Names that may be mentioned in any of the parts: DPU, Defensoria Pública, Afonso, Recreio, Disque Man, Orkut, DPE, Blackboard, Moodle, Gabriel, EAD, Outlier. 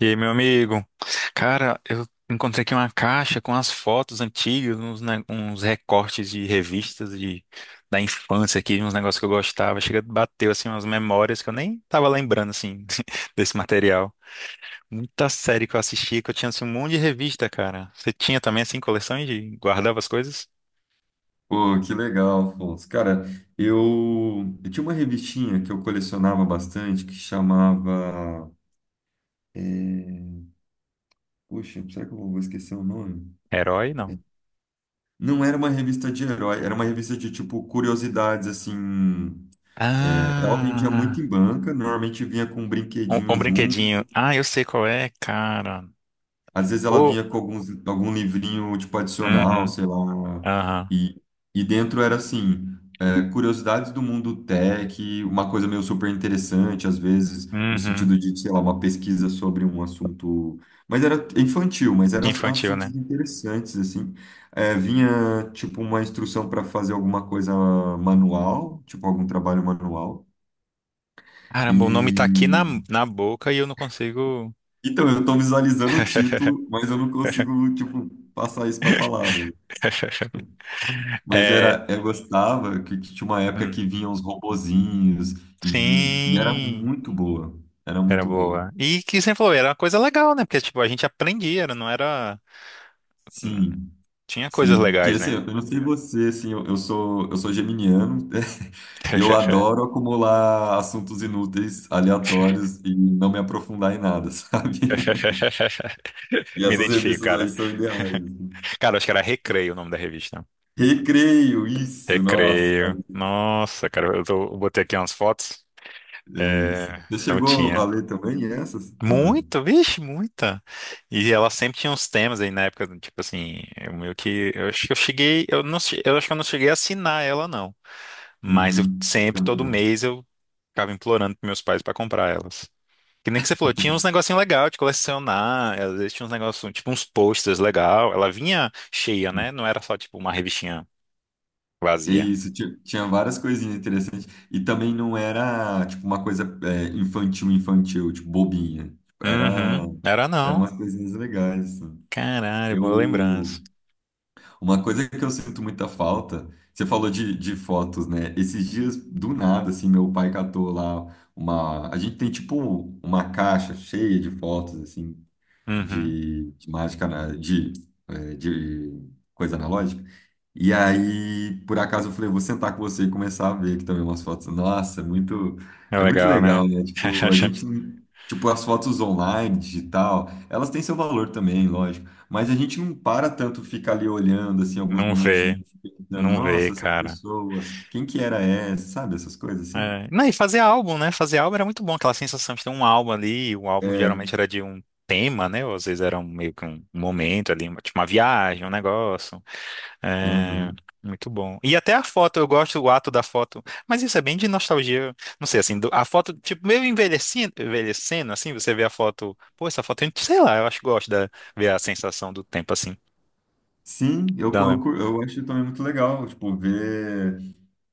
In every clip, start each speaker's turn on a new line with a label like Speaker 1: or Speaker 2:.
Speaker 1: E aí, meu amigo? Cara, eu encontrei aqui uma caixa com as fotos antigas, uns, uns recortes de revistas de, da infância aqui, uns negócios que eu gostava. Chega, bateu assim umas memórias que eu nem tava lembrando assim desse material. Muita série que eu assistia, que eu tinha assim, um monte de revista, cara. Você tinha também assim coleção de guardava as coisas?
Speaker 2: Pô, que legal, Afonso. Cara, eu tinha uma revistinha que eu colecionava bastante que chamava. é, Poxa, será que eu vou esquecer o nome?
Speaker 1: Herói, não.
Speaker 2: Não era uma revista de herói, era uma revista de tipo curiosidades, assim. Ela vendia
Speaker 1: Ah,
Speaker 2: muito em banca, normalmente vinha com um brinquedinho
Speaker 1: um
Speaker 2: junto.
Speaker 1: brinquedinho. Ah, eu sei qual é, cara.
Speaker 2: Às vezes ela
Speaker 1: Pô.
Speaker 2: vinha com algum livrinho, tipo, adicional,
Speaker 1: Uhum,
Speaker 2: sei lá.
Speaker 1: aham,
Speaker 2: E, e dentro era assim, curiosidades do mundo tech, uma coisa meio super interessante, às vezes, no
Speaker 1: uhum.
Speaker 2: sentido de, sei lá, uma pesquisa sobre um assunto. Mas era infantil, mas eram
Speaker 1: Infantil,
Speaker 2: assuntos
Speaker 1: né?
Speaker 2: interessantes, assim. É, vinha, tipo, uma instrução para fazer alguma coisa manual, tipo, algum trabalho manual.
Speaker 1: Caramba, o nome tá aqui na,
Speaker 2: E.
Speaker 1: na boca e eu não consigo.
Speaker 2: Então, eu estou visualizando o título, mas eu não consigo, tipo, passar isso para palavra. Mas
Speaker 1: É,
Speaker 2: era, eu gostava que tinha uma época
Speaker 1: hum,
Speaker 2: que vinham os robozinhos e era
Speaker 1: sim,
Speaker 2: muito boa. Era
Speaker 1: era
Speaker 2: muito boa.
Speaker 1: boa. E que você falou, era uma coisa legal, né? Porque, tipo, a gente aprendia, não era. Hum,
Speaker 2: Sim,
Speaker 1: tinha coisas
Speaker 2: sim. Porque
Speaker 1: legais,
Speaker 2: assim,
Speaker 1: né?
Speaker 2: eu não sei você, assim, eu sou geminiano e eu adoro acumular assuntos inúteis, aleatórios e não me aprofundar em nada, sabe? E
Speaker 1: Me
Speaker 2: essas
Speaker 1: identifico,
Speaker 2: revistas aí
Speaker 1: cara.
Speaker 2: são ideais, assim.
Speaker 1: Cara, acho que era Recreio o nome da revista.
Speaker 2: Recreio, isso, nossa,
Speaker 1: Recreio. Nossa, cara, eu, eu botei aqui umas fotos.
Speaker 2: é
Speaker 1: É,
Speaker 2: isso. Você
Speaker 1: não
Speaker 2: chegou a
Speaker 1: tinha.
Speaker 2: ler também essas ou não?
Speaker 1: Muito, vixe, muita. E ela sempre tinha uns temas aí na época, tipo assim, eu meio que, eu acho que eu cheguei, eu não, eu acho que eu não cheguei a assinar ela não, mas eu
Speaker 2: Uhum, eu
Speaker 1: sempre,
Speaker 2: também
Speaker 1: todo
Speaker 2: não.
Speaker 1: mês eu ficava implorando pros meus pais pra comprar elas. Que nem que você falou, tinha uns negocinho legal de colecionar, às vezes tinha uns negócios, tipo uns posters legal, ela vinha cheia, né? Não era só tipo uma revistinha vazia.
Speaker 2: Isso, tinha várias coisinhas interessantes. E também não era, tipo, uma coisa é, infantil, infantil, tipo, bobinha. Tipo, Era,
Speaker 1: Uhum, era
Speaker 2: era
Speaker 1: não.
Speaker 2: umas coisinhas legais, assim.
Speaker 1: Caralho, boa lembrança.
Speaker 2: Eu, uma coisa que eu sinto muita falta, você falou de fotos, né? Esses dias, do nada, assim, meu pai catou lá A gente tem, tipo, uma caixa cheia de fotos, assim,
Speaker 1: Uhum,
Speaker 2: de mágica, de coisa analógica. E aí, por acaso, eu falei, vou sentar com você e começar a ver aqui também umas fotos. Nossa, é muito,
Speaker 1: é
Speaker 2: é muito
Speaker 1: legal,
Speaker 2: legal,
Speaker 1: né?
Speaker 2: né? Tipo, a gente, tipo, as fotos online, digital, elas têm seu valor também, lógico. Mas a gente não para tanto ficar ali olhando, assim, alguns
Speaker 1: Não vê.
Speaker 2: minutinhos, pensando,
Speaker 1: Não vê,
Speaker 2: nossa, essa
Speaker 1: cara.
Speaker 2: pessoa, quem que era essa, sabe? Essas coisas assim.
Speaker 1: É. Não, e fazer álbum, né? Fazer álbum era muito bom, aquela sensação de ter um álbum ali, o álbum
Speaker 2: É.
Speaker 1: geralmente era de um tema, né? Ou às vezes era um, meio que um momento ali, tipo uma viagem, um negócio. É,
Speaker 2: Uhum.
Speaker 1: muito bom. E até a foto, eu gosto do ato da foto, mas isso é bem de nostalgia, não sei, assim, a foto, tipo, meio envelhecendo, envelhecendo, assim, você vê a foto, pô, essa foto, sei lá, eu acho que gosto de ver a sensação do tempo, assim.
Speaker 2: Sim, eu,
Speaker 1: Dá,
Speaker 2: co- eu,
Speaker 1: Léo?
Speaker 2: cu- eu acho também muito legal, tipo, ver.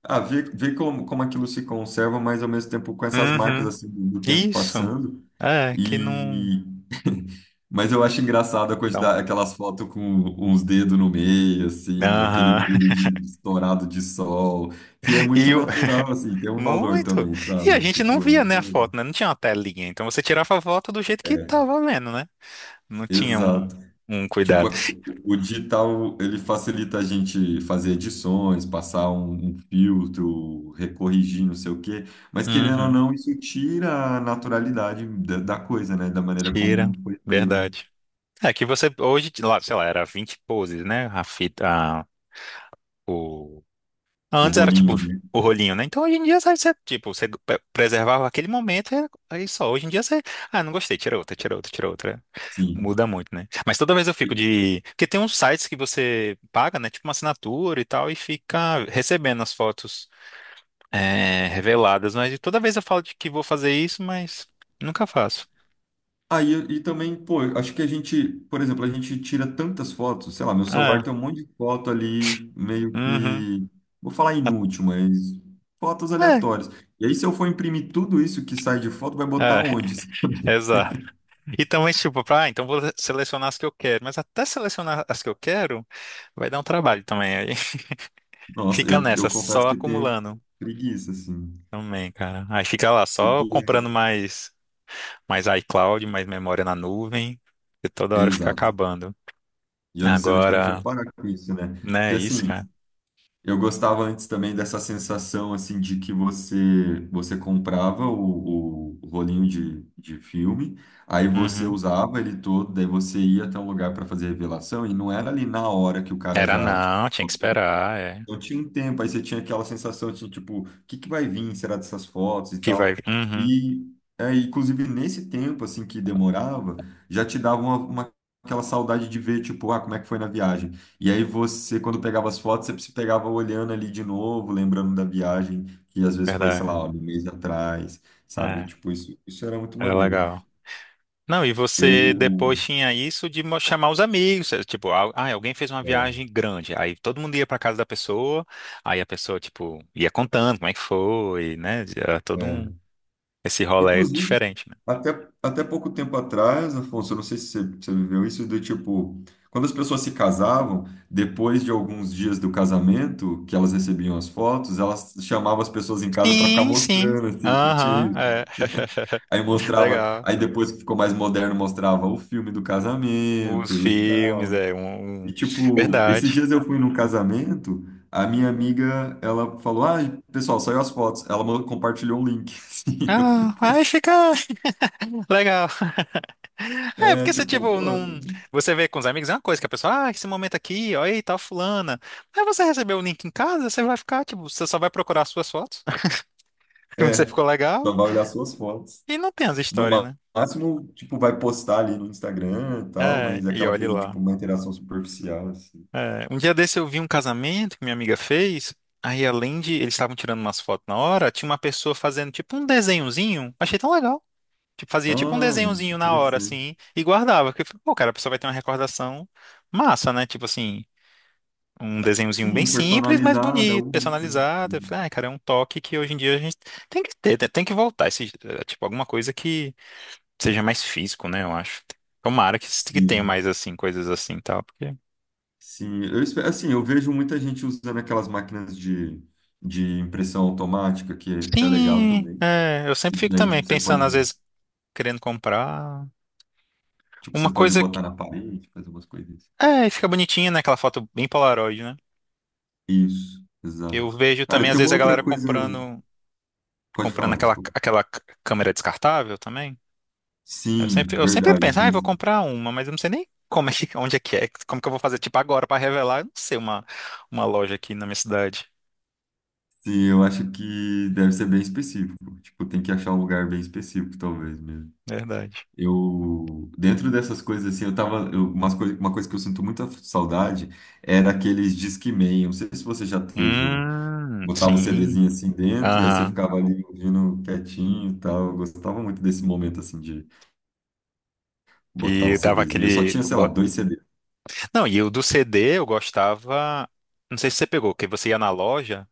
Speaker 2: Ah, ver como aquilo se conserva, mas ao mesmo tempo com essas marcas
Speaker 1: Uhum.
Speaker 2: assim do tempo
Speaker 1: Isso.
Speaker 2: passando.
Speaker 1: É, que não...
Speaker 2: E mas eu acho engraçado a
Speaker 1: Dá um
Speaker 2: quantidade, aquelas fotos com uns dedos no meio, assim, aquele
Speaker 1: aham.
Speaker 2: brilho de estourado de sol, que é muito
Speaker 1: E o...
Speaker 2: natural, assim, tem um valor
Speaker 1: Muito.
Speaker 2: também,
Speaker 1: E a
Speaker 2: sabe?
Speaker 1: gente não
Speaker 2: Tipo, é,
Speaker 1: via, né, a
Speaker 2: muito-
Speaker 1: foto, né? Não tinha uma telinha. Então você tirava a foto do jeito que
Speaker 2: é,
Speaker 1: tava vendo, né? Não tinha um,
Speaker 2: exato.
Speaker 1: um
Speaker 2: Tipo,
Speaker 1: cuidado.
Speaker 2: o digital, ele facilita a gente fazer edições, passar um filtro, recorrigir, não sei o quê, mas querendo ou
Speaker 1: Uhum.
Speaker 2: não, isso tira a naturalidade da coisa, né? Da maneira
Speaker 1: Tira.
Speaker 2: como foi feito.
Speaker 1: Verdade. É que você hoje, lá, sei lá, era 20 poses, né? A fita, a- o...
Speaker 2: O
Speaker 1: Antes era tipo
Speaker 2: rolinho, né?
Speaker 1: o rolinho, né? Então hoje em dia, sabe, você, tipo, você preservava aquele momento e aí só. Hoje em dia você, ah, não gostei, tira outra, tira outra, tira outra.
Speaker 2: Sim.
Speaker 1: Muda muito, né? Mas toda vez eu
Speaker 2: E-
Speaker 1: fico de. Porque tem uns sites que você paga, né? Tipo uma assinatura e tal, e fica recebendo as fotos é, reveladas. Mas toda vez eu falo de que vou fazer isso, mas nunca faço.
Speaker 2: e também, pô, eu acho que a gente, por exemplo, a gente tira tantas fotos, sei lá, meu celular
Speaker 1: É.
Speaker 2: tem um monte de foto ali, meio
Speaker 1: Uhum.
Speaker 2: que, vou falar inútil, mas fotos
Speaker 1: É.
Speaker 2: aleatórias. E aí, se eu for imprimir tudo isso que sai de foto, vai
Speaker 1: É,
Speaker 2: botar onde?
Speaker 1: exato. E também, tipo, ah, então vou selecionar as que eu quero. Mas até selecionar as que eu quero, vai dar um trabalho também. Aí
Speaker 2: Nossa,
Speaker 1: fica
Speaker 2: eu
Speaker 1: nessa,
Speaker 2: confesso
Speaker 1: só
Speaker 2: que tenho
Speaker 1: acumulando
Speaker 2: preguiça, assim.
Speaker 1: também, cara. Aí fica lá, só
Speaker 2: Porque.
Speaker 1: comprando mais. Mais iCloud, mais memória na nuvem, e toda hora fica
Speaker 2: Exato.
Speaker 1: acabando.
Speaker 2: E eu não sei onde que a gente vai
Speaker 1: Agora,
Speaker 2: parar com isso, né?
Speaker 1: né,
Speaker 2: Porque,
Speaker 1: isso,
Speaker 2: assim,
Speaker 1: cara?
Speaker 2: eu gostava antes também dessa sensação, assim, de que você comprava o rolinho de filme, aí você
Speaker 1: Uhum.
Speaker 2: usava ele todo, daí você ia até um lugar para fazer revelação, e não era ali na hora que o cara
Speaker 1: Era
Speaker 2: já, tipo,
Speaker 1: não, tinha que esperar, é.
Speaker 2: não tinha um tempo, aí você tinha aquela sensação de tipo, o que que vai vir, será dessas fotos e
Speaker 1: Que
Speaker 2: tal.
Speaker 1: vai. Uhum,
Speaker 2: E é, inclusive nesse tempo assim que demorava, já te dava aquela saudade de ver tipo, ah, como é que foi na viagem. E aí você quando pegava as fotos, você se pegava olhando ali de novo, lembrando da viagem, que às vezes foi, sei
Speaker 1: verdade.
Speaker 2: lá, um mês atrás, sabe?
Speaker 1: É,
Speaker 2: Tipo, isso era muito
Speaker 1: era
Speaker 2: maneiro.
Speaker 1: legal. Não, e você
Speaker 2: Eu
Speaker 1: depois tinha isso de chamar os amigos, é, tipo, ah, alguém fez uma
Speaker 2: é,
Speaker 1: viagem grande, aí todo mundo ia pra casa da pessoa, aí a pessoa, tipo, ia contando como é que foi, né? Era todo um,
Speaker 2: é.
Speaker 1: esse rolê
Speaker 2: Inclusive,
Speaker 1: diferente, né?
Speaker 2: até pouco tempo atrás, Afonso, eu não sei se você viveu isso, do tipo, quando as pessoas se casavam, depois de alguns dias do casamento, que elas recebiam as fotos, elas chamavam as pessoas em casa para ficar
Speaker 1: Sim, sim.
Speaker 2: mostrando, assim, eu
Speaker 1: Aham,
Speaker 2: tinha...
Speaker 1: é.
Speaker 2: aí mostrava,
Speaker 1: Legal.
Speaker 2: aí depois que ficou mais moderno, mostrava o filme do
Speaker 1: Os
Speaker 2: casamento e
Speaker 1: filmes,
Speaker 2: tal.
Speaker 1: é um.
Speaker 2: E
Speaker 1: Um-
Speaker 2: tipo, esses
Speaker 1: Verdade.
Speaker 2: dias eu fui num casamento, a minha amiga, ela falou, ah, pessoal, saiu as fotos, ela compartilhou um link, assim, eu falei,
Speaker 1: Ah,
Speaker 2: pô.
Speaker 1: aí fica legal. É,
Speaker 2: É,
Speaker 1: porque você,
Speaker 2: tipo,
Speaker 1: tipo, não.
Speaker 2: pô.
Speaker 1: Você vê com os amigos, é uma coisa que a pessoa, ah, esse momento aqui, ó, aí, tal, fulana. Aí você recebeu o link em casa, você vai ficar, tipo, você só vai procurar as suas fotos, que você
Speaker 2: É,
Speaker 1: ficou
Speaker 2: Só
Speaker 1: legal,
Speaker 2: vai olhar suas fotos.
Speaker 1: e não tem as
Speaker 2: No
Speaker 1: histórias, né?
Speaker 2: máximo, tipo, vai postar ali no Instagram e tal,
Speaker 1: É,
Speaker 2: mas é
Speaker 1: e
Speaker 2: aquela
Speaker 1: olhe
Speaker 2: coisa, tipo,
Speaker 1: lá.
Speaker 2: uma interação superficial, assim.
Speaker 1: É, um dia desse eu vi um casamento que minha amiga fez, aí além de eles estavam tirando umas fotos na hora, tinha uma pessoa fazendo, tipo, um desenhozinho, achei tão legal. Tipo, fazia tipo um
Speaker 2: Ah,
Speaker 1: desenhozinho na hora,
Speaker 2: interessante.
Speaker 1: assim, e guardava. Porque, eu falei, pô, cara, a pessoa vai ter uma recordação massa, né? Tipo assim, um desenhozinho bem
Speaker 2: Sim,
Speaker 1: simples, mas
Speaker 2: personalizada,
Speaker 1: bonito,
Speaker 2: única.
Speaker 1: personalizado. Eu falei, ai, cara, é um toque que hoje em dia a gente tem que ter, né? Tem que voltar. Esse, eh, tipo, alguma coisa que seja mais físico, né? Eu acho. Tomara que tenha
Speaker 2: Sim,
Speaker 1: mais, assim, coisas assim e tal. Porque...
Speaker 2: sim. Assim, eu vejo muita gente usando aquelas máquinas de impressão automática, que, que é legal
Speaker 1: Sim,
Speaker 2: também.
Speaker 1: é, eu sempre
Speaker 2: E
Speaker 1: fico
Speaker 2: daí,
Speaker 1: também pensando, às vezes, querendo comprar.
Speaker 2: tipo, você
Speaker 1: Uma
Speaker 2: pode
Speaker 1: coisa que.
Speaker 2: botar na parede, fazer umas coisas, assim.
Speaker 1: É, fica bonitinha, né? Aquela foto bem Polaroid, né?
Speaker 2: Isso,
Speaker 1: Eu
Speaker 2: exato.
Speaker 1: vejo também,
Speaker 2: Cara,
Speaker 1: às
Speaker 2: tem
Speaker 1: vezes,
Speaker 2: uma
Speaker 1: a
Speaker 2: outra
Speaker 1: galera
Speaker 2: coisa...
Speaker 1: comprando.
Speaker 2: Pode
Speaker 1: Comprando
Speaker 2: falar,
Speaker 1: aquela,
Speaker 2: desculpa.
Speaker 1: aquela câmera descartável também.
Speaker 2: Sim,
Speaker 1: Eu sempre
Speaker 2: verdade.
Speaker 1: penso, ah, eu vou comprar uma, mas eu não sei nem como é que, onde é que é, como que eu vou fazer, tipo, agora para revelar, eu não sei uma loja aqui na minha cidade.
Speaker 2: Sim, eu acho que deve ser bem específico. Tipo, tem que achar um lugar bem específico, talvez mesmo.
Speaker 1: Verdade.
Speaker 2: Dentro dessas coisas assim, eu tava, uma coisa que eu sinto muita saudade é daqueles Disque Man. Eu não sei se você já teve um, botava o
Speaker 1: Sim.
Speaker 2: CDzinho assim dentro, aí você
Speaker 1: Aham.
Speaker 2: ficava ali ouvindo quietinho e tal. Eu gostava muito desse momento assim de botar o
Speaker 1: E dava
Speaker 2: CDzinho. Eu só
Speaker 1: aquele.
Speaker 2: tinha, sei lá, dois CDs.
Speaker 1: Não, e o do CD eu gostava. Não sei se você pegou, que você ia na loja,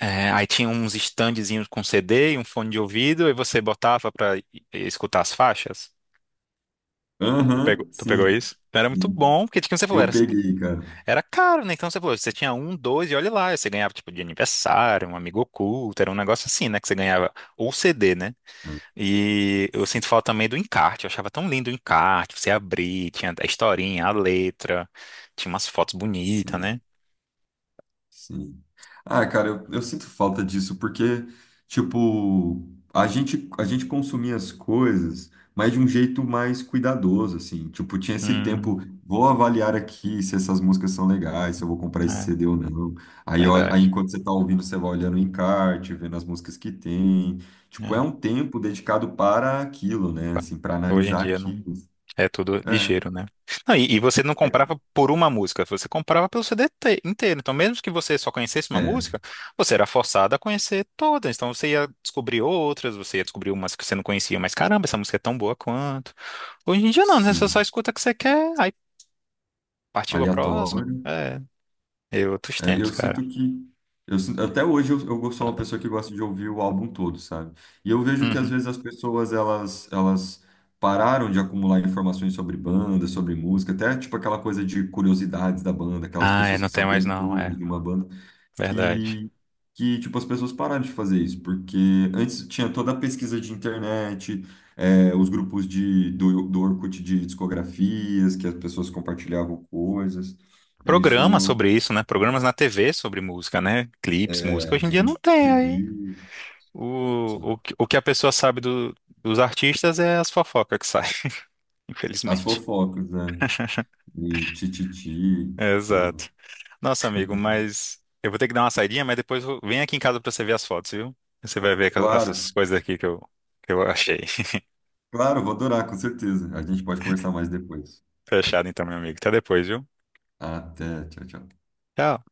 Speaker 1: é, aí tinha uns standzinhos com CD e um fone de ouvido, e você botava escutar as faixas.
Speaker 2: Aham,
Speaker 1: Tu pegou
Speaker 2: sim,
Speaker 1: isso? Então, era muito
Speaker 2: sim.
Speaker 1: bom, porque como você falou,
Speaker 2: Eu
Speaker 1: era,
Speaker 2: peguei, cara.
Speaker 1: era caro, né? Então você falou, você tinha um, dois, e olha lá, você ganhava tipo de aniversário, um amigo oculto, era um negócio assim, né? Que você ganhava, ou CD, né?
Speaker 2: Ah,
Speaker 1: E eu
Speaker 2: sim,
Speaker 1: sinto falta também do encarte, eu achava tão lindo o encarte, você abrir, tinha a historinha, a letra, tinha umas fotos bonitas,
Speaker 2: sim.
Speaker 1: né?
Speaker 2: Sim. Ah, cara, eu sinto falta disso, porque, tipo, a gente consumia as coisas, mas de um jeito mais cuidadoso, assim. Tipo, tinha esse tempo,
Speaker 1: Hum,
Speaker 2: vou avaliar aqui se essas músicas são legais, se eu vou comprar esse
Speaker 1: é,
Speaker 2: CD ou não. Aí, ó, aí
Speaker 1: verdade.
Speaker 2: enquanto você tá ouvindo, você vai olhando o encarte, vendo as músicas que tem. Tipo, é
Speaker 1: É.
Speaker 2: um tempo dedicado para aquilo, né? Assim, para
Speaker 1: Hoje em
Speaker 2: analisar
Speaker 1: dia não.
Speaker 2: aquilo.
Speaker 1: É tudo
Speaker 2: É,
Speaker 1: ligeiro, né? Não, e você não comprava por uma música, você comprava pelo CD inteiro. Então, mesmo que você só conhecesse uma
Speaker 2: é,
Speaker 1: música, você era forçado a conhecer todas. Então, você ia descobrir outras, você ia descobrir umas que você não conhecia, mas caramba, essa música é tão boa quanto. Hoje em dia, não, né? Você só
Speaker 2: sim.
Speaker 1: escuta o que você quer, aí partiu a próxima.
Speaker 2: Aleatório.
Speaker 1: É, é outros
Speaker 2: É,
Speaker 1: tempos,
Speaker 2: eu
Speaker 1: cara.
Speaker 2: sinto que. Até hoje eu sou uma pessoa que gosta de ouvir o álbum todo, sabe? E eu vejo que às
Speaker 1: Uhum.
Speaker 2: vezes as pessoas elas pararam de acumular informações sobre banda, sobre música, até tipo aquela coisa de curiosidades da banda, aquelas
Speaker 1: Ah, é,
Speaker 2: pessoas
Speaker 1: não
Speaker 2: que
Speaker 1: tem mais
Speaker 2: sabiam
Speaker 1: não,
Speaker 2: tudo
Speaker 1: é
Speaker 2: de uma banda,
Speaker 1: verdade.
Speaker 2: que, que tipo as pessoas pararam de fazer isso, porque antes tinha toda a pesquisa de internet, é, os grupos do Orkut de discografias, que as pessoas compartilhavam coisas. E isso.
Speaker 1: Programas sobre isso, né? Programas na TV sobre música, né?
Speaker 2: É,
Speaker 1: Clipes, música. Hoje em dia não tem.
Speaker 2: MTV, sim.
Speaker 1: O que a pessoa sabe dos artistas é as fofocas que saem,
Speaker 2: As
Speaker 1: infelizmente.
Speaker 2: fofocas, né? E tititi, sei lá.
Speaker 1: Exato. Nossa, amigo, mas eu vou ter que dar uma saidinha, mas depois vem aqui em casa pra você ver as fotos, viu? Você vai ver essas
Speaker 2: Claro,
Speaker 1: coisas aqui que eu achei.
Speaker 2: claro, vou adorar, com certeza. A gente pode conversar mais depois.
Speaker 1: Fechado então, meu amigo. Até depois, viu?
Speaker 2: Até, tchau, tchau.
Speaker 1: Tchau.